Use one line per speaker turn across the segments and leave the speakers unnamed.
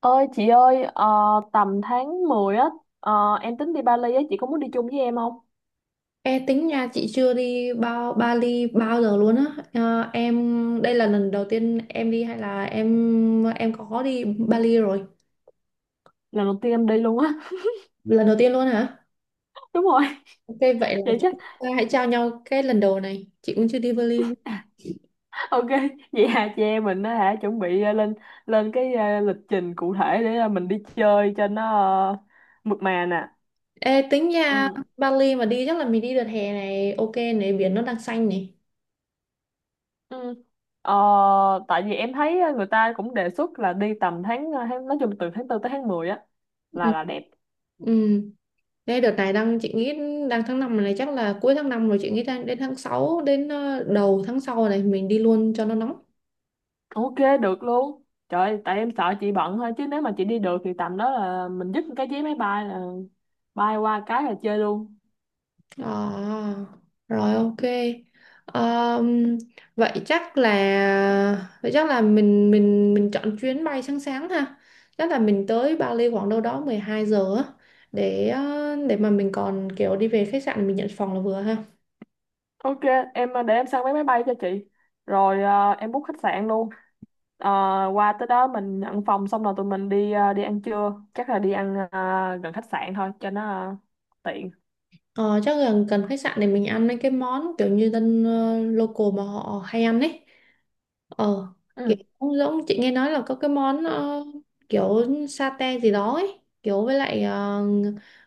Ơi chị ơi, tầm tháng 10 á. ờ, em tính đi Bali á, chị có muốn đi chung với em không?
E tính nha, chị chưa đi bao Bali bao giờ luôn á. Ờ, em đây là lần đầu tiên em đi hay là em có đi Bali rồi
Lần đầu tiên em đi luôn á.
lần đầu tiên luôn hả?
Đúng rồi,
Ok, vậy là
vậy chắc
chúng ta hãy trao nhau cái lần đầu này, chị cũng chưa đi Bali luôn.
ok. Vậy hà chị em mình á hả, chuẩn bị lên lên cái lịch trình cụ thể để mình đi chơi cho nó ờ, mượt mà nè.
Ê, tính nha.
Ừ.
Bali mà đi chắc là mình đi đợt hè này, ok này, biển nó đang xanh này.
Ừ. Ờ, tại vì em thấy người ta cũng đề xuất là đi tầm tháng, tháng nói chung từ tháng tư tới tháng 10 á là
Ừ.
là đẹp.
Ừ. Đây đợt này đang chị nghĩ đang tháng 5 này, chắc là cuối tháng 5 rồi, chị nghĩ đang đến tháng 6 đến đầu tháng sau này mình đi luôn cho nó nóng.
Ok, được luôn. Trời, tại em sợ chị bận thôi. Chứ nếu mà chị đi được thì tầm đó là mình dứt cái vé máy bay là bay qua cái là chơi luôn.
À, rồi ok. Ờm, vậy chắc là mình chọn chuyến bay sáng sáng ha. Chắc là mình tới Bali khoảng đâu đó 12 giờ á để để mà mình còn kiểu đi về khách sạn mình nhận phòng là vừa ha.
Ok, em, để em săn vé máy bay cho chị. Rồi à, em book khách sạn luôn. Ờ, Qua tới đó mình nhận phòng, xong rồi tụi mình đi à, đi ăn trưa. Chắc là đi ăn à, gần khách sạn thôi, cho nó à, tiện.
Ờ, chắc là cần khách sạn để mình ăn mấy cái món kiểu như dân local mà họ hay ăn ấy. ờ Kiểu
Ừ,
cũng giống chị nghe nói là có cái món kiểu satay gì đó ấy, kiểu với lại ờ,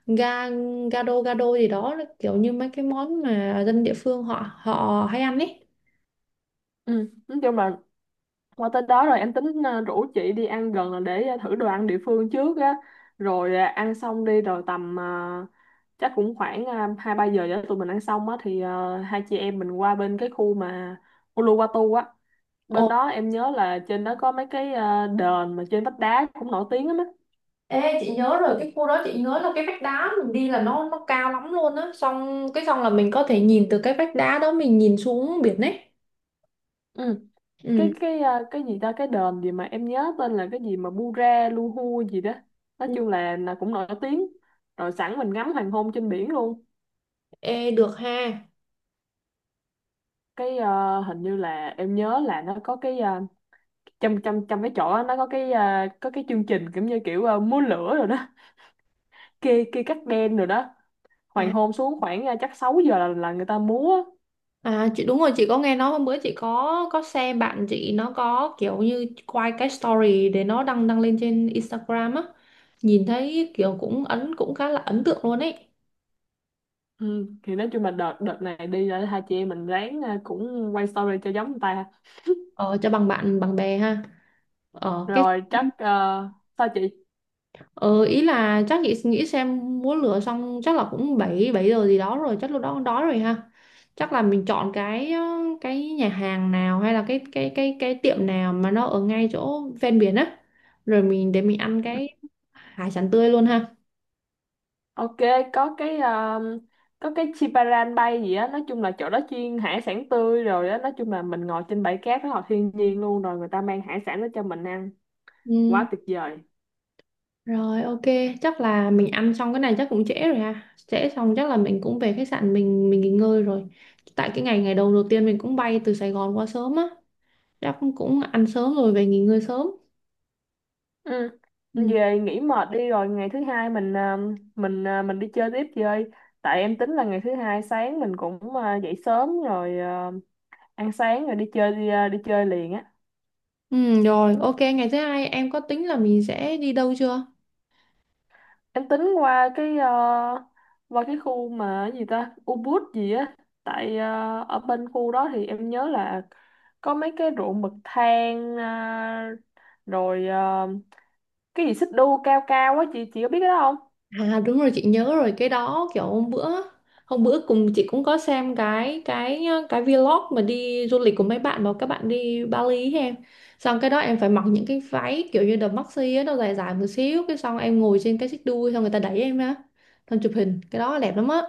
ga gado gado gì đó, kiểu như mấy cái món mà dân địa phương họ họ hay ăn ấy.
ừ. Nói chung là qua tới đó rồi em tính rủ chị đi ăn gần là để thử đồ ăn địa phương trước á. Rồi ăn xong đi rồi tầm chắc cũng khoảng hai ba giờ cho tụi mình ăn xong á, thì hai chị em mình qua bên cái khu mà Uluwatu á. Bên
Ồ.
đó em nhớ là trên đó có mấy cái đền mà trên vách đá cũng nổi tiếng lắm á.
Ê, chị nhớ rồi, cái khu đó chị nhớ là cái vách đá mình đi là nó cao lắm luôn á, xong cái xong là mình có thể nhìn từ cái vách đá đó mình nhìn xuống biển ấy.
Ừ.
Ừ.
Cái gì ta, cái đền gì mà em nhớ tên là cái gì mà Bura Luhu gì đó. Nói
Ừ.
chung là cũng nổi tiếng. Rồi sẵn mình ngắm hoàng hôn trên biển luôn.
Ê, được ha.
Cái hình như là em nhớ là nó có cái trong trong trong cái chỗ đó, nó có cái có cái chương trình kiểu như kiểu múa lửa rồi đó. Kê kê cắt đen rồi đó, hoàng
À.
hôn xuống khoảng chắc 6 giờ là người ta múa.
À, chị đúng rồi, chị có nghe nói hôm bữa chị có xem bạn chị nó có kiểu như quay cái story để nó đăng đăng lên trên Instagram á, nhìn thấy kiểu cũng ấn cũng khá là ấn tượng luôn ấy.
Ừ, thì nói chung là đợt đợt này đi là hai chị em mình ráng cũng quay story cho giống người ta.
Ờ, cho bằng bạn bằng bè ha. Ờ, cái
Rồi chắc sao chị?
Ừ, ý là chắc chị nghĩ xem múa lửa xong chắc là cũng 7 7 giờ gì đó rồi, chắc lúc đó cũng đói rồi ha. Chắc là mình chọn cái cái nhà hàng nào hay là cái tiệm nào mà nó ở ngay chỗ ven biển á, rồi mình để mình ăn cái hải sản tươi luôn ha.
Ok, có cái có cái Chiparan Bay gì á, nói chung là chỗ đó chuyên hải sản tươi rồi á, nói chung là mình ngồi trên bãi cát rất là thiên nhiên luôn, rồi người ta mang hải sản đó cho mình ăn,
Ừ.
quá tuyệt vời.
Rồi ok. Chắc là mình ăn xong cái này chắc cũng trễ rồi ha, trễ xong chắc là mình cũng về khách sạn mình nghỉ ngơi rồi, tại cái ngày ngày đầu đầu tiên mình cũng bay từ Sài Gòn qua sớm á, chắc cũng ăn sớm rồi về nghỉ ngơi sớm.
Ừ.
Ừ.
Về nghỉ mệt đi rồi ngày thứ hai mình à, mình đi chơi tiếp chơi. Tại em tính là ngày thứ hai sáng mình cũng à, dậy sớm rồi à, ăn sáng rồi đi chơi đi, à, đi chơi liền á.
Ừ, rồi, ok, ngày thứ hai em có tính là mình sẽ đi đâu chưa?
Em tính qua cái à, qua cái khu mà cái gì ta Ubud gì á. Tại à, ở bên khu đó thì em nhớ là có mấy cái ruộng bậc thang à, rồi à, cái gì xích đu cao cao á, chị có biết cái đó không?
À đúng rồi, chị nhớ rồi, cái đó kiểu hôm bữa cùng chị cũng có xem cái vlog mà đi du lịch của mấy bạn mà các bạn đi Bali ấy em. Xong cái đó em phải mặc những cái váy kiểu như đầm maxi á, nó dài dài một xíu, cái xong em ngồi trên cái xích đu xong người ta đẩy em á. Xong chụp hình, cái đó đẹp lắm á.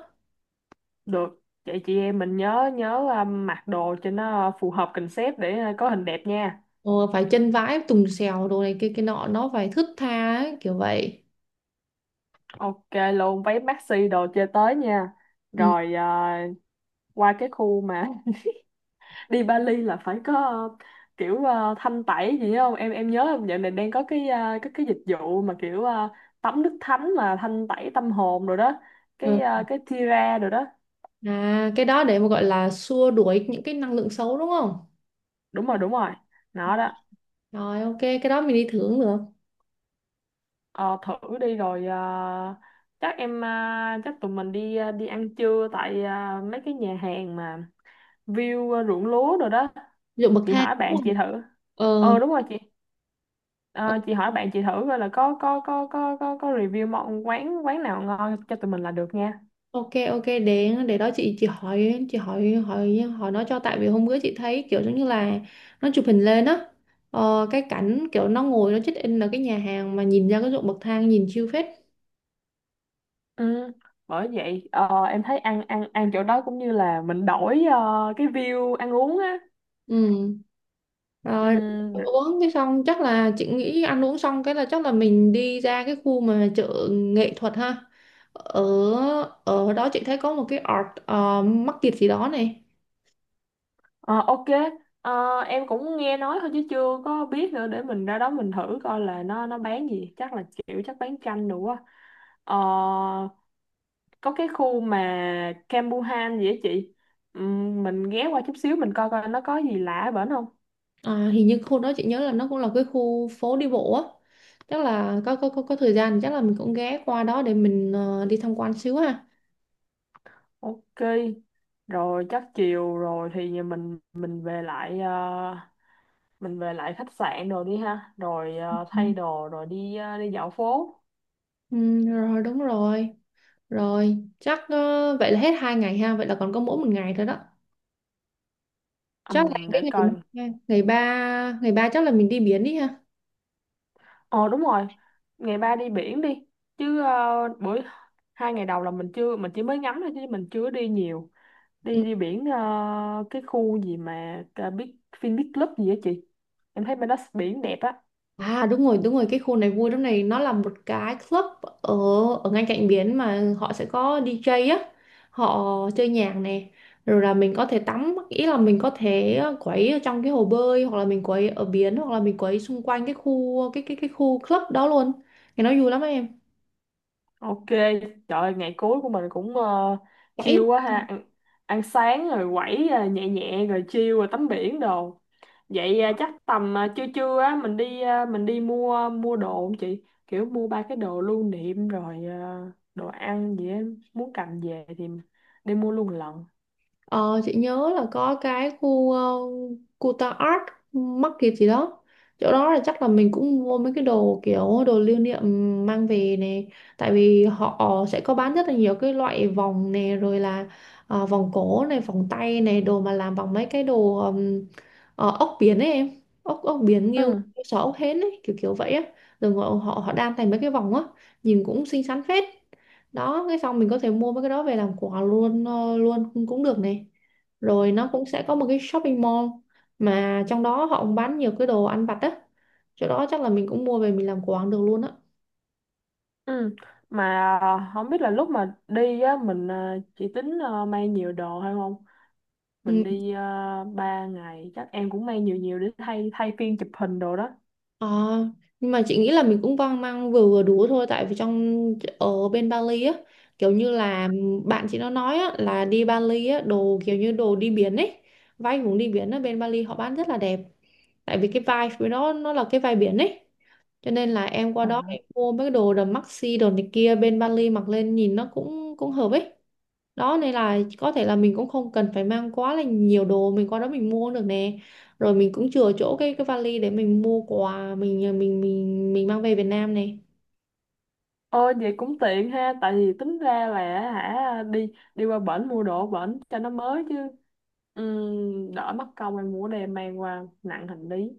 Được, vậy chị em mình nhớ nhớ à, mặc đồ cho nó phù hợp concept để à, có hình đẹp nha.
Ờ, phải chân vái tùng xèo đồ này kia kia nọ nó phải thướt tha ấy, kiểu vậy.
Ok luôn, váy maxi đồ chơi tới nha. Rồi à, qua cái khu mà đi Bali là phải có à, kiểu à, thanh tẩy gì không em, em nhớ dạo này đang có cái à, cái dịch vụ mà kiểu à, tắm nước thánh mà thanh tẩy tâm hồn rồi đó,
Ừ.
cái à, cái Tira rồi đó.
À, cái đó để mà gọi là xua đuổi những cái năng lượng xấu đúng không?
Đúng rồi, đúng rồi, nó đó.
Rồi ok, cái đó mình đi thử cũng được.
Ờ, thử đi rồi chắc em, chắc tụi mình đi đi ăn trưa tại mấy cái nhà hàng mà view ruộng lúa rồi đó.
Ví dụ bậc
Chị
thang
hỏi
đúng
bạn
không?
chị thử.
Ờ.
Ờ đúng rồi chị.
ờ,
Ờ, chị hỏi bạn chị thử coi là có review món quán quán nào ngon cho tụi mình là được nha.
ok ok, để đó, chị hỏi hỏi hỏi nó cho, tại vì hôm bữa chị thấy kiểu giống như là nó chụp hình lên á. Ờ, cái cảnh kiểu nó ngồi nó check in ở cái nhà hàng mà nhìn ra cái ruộng bậc thang nhìn chill phết.
Ừ, bởi vậy em thấy ăn ăn ăn chỗ đó cũng như là mình đổi cái view ăn uống á.
Ừ. Rồi
Ừ.
ăn uống cái xong chắc là chị nghĩ ăn uống xong cái là chắc là mình đi ra cái khu mà chợ nghệ thuật ha, ở ở đó chị thấy có một cái art market gì đó này.
Ờ, ok. Ờ, em cũng nghe nói thôi chứ chưa có biết nữa, để mình ra đó mình thử coi là nó bán gì, chắc là kiểu chắc bán chanh đủ á. Ờ, có cái khu mà Campuhan gì á chị. Mình ghé qua chút xíu mình coi coi nó có gì lạ ở bển không.
À, hình như khu đó chị nhớ là nó cũng là cái khu phố đi bộ á, chắc là có thời gian thì chắc là mình cũng ghé qua đó để mình đi tham quan xíu ha.
Ok, rồi chắc chiều rồi thì mình về lại mình về lại khách sạn rồi đi ha, rồi
ừ,
thay đồ rồi đi đi dạo phố.
Ừ, rồi đúng rồi, rồi chắc vậy là hết hai ngày ha, vậy là còn có mỗi một ngày thôi đó. Chắc là cái
Để
ngày
coi.
ngày ngày ba ngày ba chắc là mình đi biển đi ha.
Ờ đúng rồi, ngày ba đi biển đi. Chứ buổi hai ngày đầu là mình chưa, mình chỉ mới ngắm thôi chứ mình chưa đi nhiều. Đi
Ừ.
đi biển cái khu gì mà Big Fin Big Club gì á chị. Em thấy bên đó biển đẹp á.
À đúng rồi đúng rồi, cái khu này vui lắm này, nó là một cái club ở ở ngay cạnh biển mà họ sẽ có DJ á, họ chơi nhạc này, rồi là mình có thể tắm, ý là mình có thể quấy ở trong cái hồ bơi hoặc là mình quấy ở biển hoặc là mình quấy xung quanh cái khu cái khu club đó luôn, cái nó vui lắm em.
Ok, trời ơi, ngày cuối của mình cũng chill quá ha, ăn, ăn sáng rồi quẩy nhẹ nhẹ rồi chill rồi tắm biển đồ. Vậy chắc tầm trưa trưa á mình đi mình đi mua mua đồ không chị? Kiểu mua ba cái đồ lưu niệm rồi đồ ăn gì á, muốn cầm về thì đi mua luôn lận.
Ờ, chị nhớ là có cái khu khu ta Art Market gì đó, chỗ đó là chắc là mình cũng mua mấy cái đồ kiểu đồ lưu niệm mang về này, tại vì họ sẽ có bán rất là nhiều cái loại vòng này, rồi là vòng cổ này vòng tay này, đồ mà làm bằng mấy cái đồ ốc biển ấy em, ốc ốc biển nghêu
Ừ,
nghêu sò ốc hến ấy, kiểu kiểu vậy á, rồi họ họ họ đan thành mấy cái vòng á, nhìn cũng xinh xắn phết. Đó, cái xong mình có thể mua mấy cái đó về làm quà luôn, luôn cũng cũng được này. Rồi nó cũng sẽ có một cái shopping mall mà trong đó họ cũng bán nhiều cái đồ ăn vặt á, chỗ đó chắc là mình cũng mua về mình làm quà cũng được luôn á.
ừ. Mà không biết là lúc mà đi á mình chị tính mang nhiều đồ hay không? Mình
Ừ.
đi 3 ngày, chắc em cũng mang nhiều nhiều để thay thay phiên chụp hình đồ đó.
Ờ, nhưng mà chị nghĩ là mình cũng vang mang vừa vừa đủ thôi, tại vì trong ở bên Bali á, kiểu như là bạn chị nó nói á là đi Bali á đồ kiểu như đồ đi biển ấy, vai cũng đi biển ở bên Bali họ bán rất là đẹp, tại vì cái vai với nó là cái vai biển ấy, cho nên là em qua đó
À,
em mua mấy cái đồ đầm maxi đồ này kia bên Bali mặc lên nhìn nó cũng cũng hợp ấy. Đó nên là có thể là mình cũng không cần phải mang quá là nhiều đồ, mình qua đó mình mua cũng được nè, rồi mình cũng chừa chỗ cái vali để mình mua quà mình mang về Việt Nam này.
ôi vậy cũng tiện ha, tại vì tính ra là hả, đi đi qua bển mua đồ ở bển cho nó mới chứ. Đỡ mất công em mua đem mang qua nặng hành lý.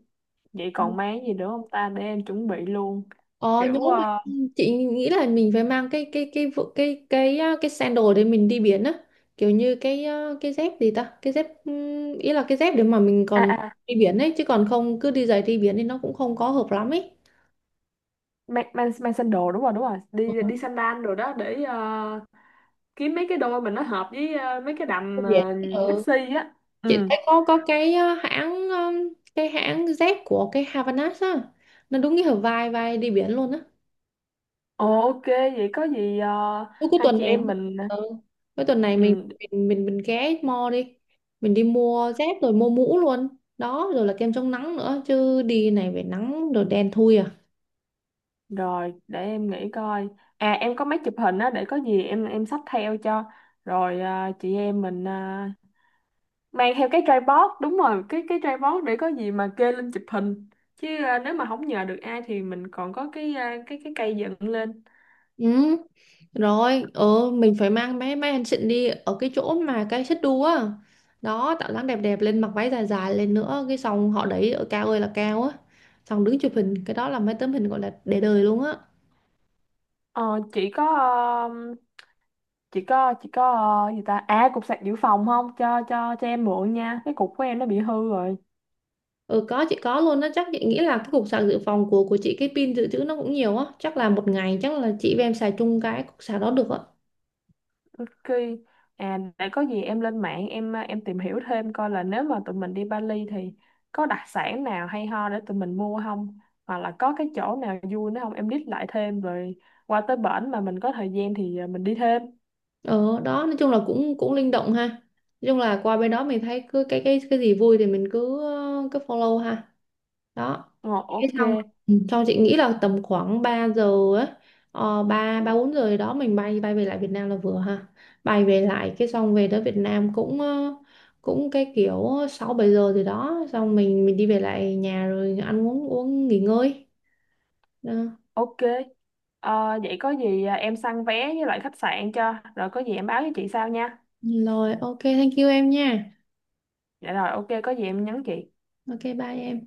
Vậy còn mang gì nữa không ta để em chuẩn bị luôn.
Ờ nhớ
Kiểu
mà, chị nghĩ là mình phải mang cái vụ- cái sandal để mình đi biển á, kiểu như cái cái dép gì ta, cái dép ý là cái dép để mà mình
à
còn
à
đi biển ấy, chứ còn không cứ đi giày đi biển thì nó cũng không có hợp lắm ấy.
mang mang mang sandal đúng rồi, đúng rồi,
Ừ.
đi đi sandal rồi đó để kiếm mấy cái đôi mình nó hợp với mấy cái
Đi
đầm
biển. Ừ.
maxi á.
Chị
Ừ.
thấy có cái hãng cái hãng Z của cái Havanas á, nó đúng nghĩa là vai vai đi biển luôn á.
Ồ ok, vậy có gì
Cuối Cuối
hai
tuần
chị
này.
em mình.
Ừ. Cuối tuần này mình
Ừ,
mình mình mình ghé mall đi, mình đi mua dép rồi mua mũ luôn. Đó, rồi là kem chống nắng nữa chứ đi này về nắng rồi đen thui à.
rồi để em nghĩ coi. À em có máy chụp hình á, để có gì em xách theo cho. Rồi chị em mình mang theo cái tripod, đúng rồi, cái tripod để có gì mà kê lên chụp hình. Chứ nếu mà không nhờ được ai thì mình còn có cái cái cây dựng lên.
Ừ. Rồi, ờ mình phải mang mấy mấy anh xịn đi ở cái chỗ mà cái xích đu á. Đó, tạo dáng đẹp đẹp lên, mặc váy dài dài lên nữa, cái xong họ đẩy ở cao ơi là cao á. Xong đứng chụp hình, cái đó là mấy tấm hình gọi là để đời luôn á.
Ờ chị có gì ta? À cục sạc dự phòng không? Cho em mượn nha. Cái cục của em nó bị hư rồi.
Ừ có chị có luôn á, chắc chị nghĩ là cái cục sạc dự phòng của chị cái pin dự trữ nó cũng nhiều á, chắc là một ngày chắc là chị và em xài chung cái cục sạc đó được á.
Ok. À, để có gì em lên mạng em à, em tìm hiểu thêm coi là nếu mà tụi mình đi Bali thì có đặc sản nào hay ho để tụi mình mua không? Hoặc là có cái chỗ nào vui nữa không? Em list lại thêm rồi qua tới bển mà mình có thời gian thì à, mình đi thêm.
Ờ đó, nói chung là cũng cũng linh động ha. Nói chung là qua bên đó mình thấy cứ cái gì vui thì mình cứ cứ follow ha. Đó.
Ờ,
Thế
ok,
xong, ừ, xong chị nghĩ là tầm khoảng 3 giờ ấy, ờ, 3 3 4 giờ gì đó mình bay bay về lại Việt Nam là vừa ha. Bay về lại cái xong về tới Việt Nam cũng cũng cái kiểu 6 7 giờ gì đó xong mình đi về lại nhà rồi ăn uống uống nghỉ ngơi. Đó.
ok. Ờ, vậy có gì à, em săn vé với lại khách sạn cho. Rồi có gì em báo với chị sau nha.
Rồi ok thank you em nha.
Dạ rồi, ok, có gì em nhắn chị.
Ok bye em.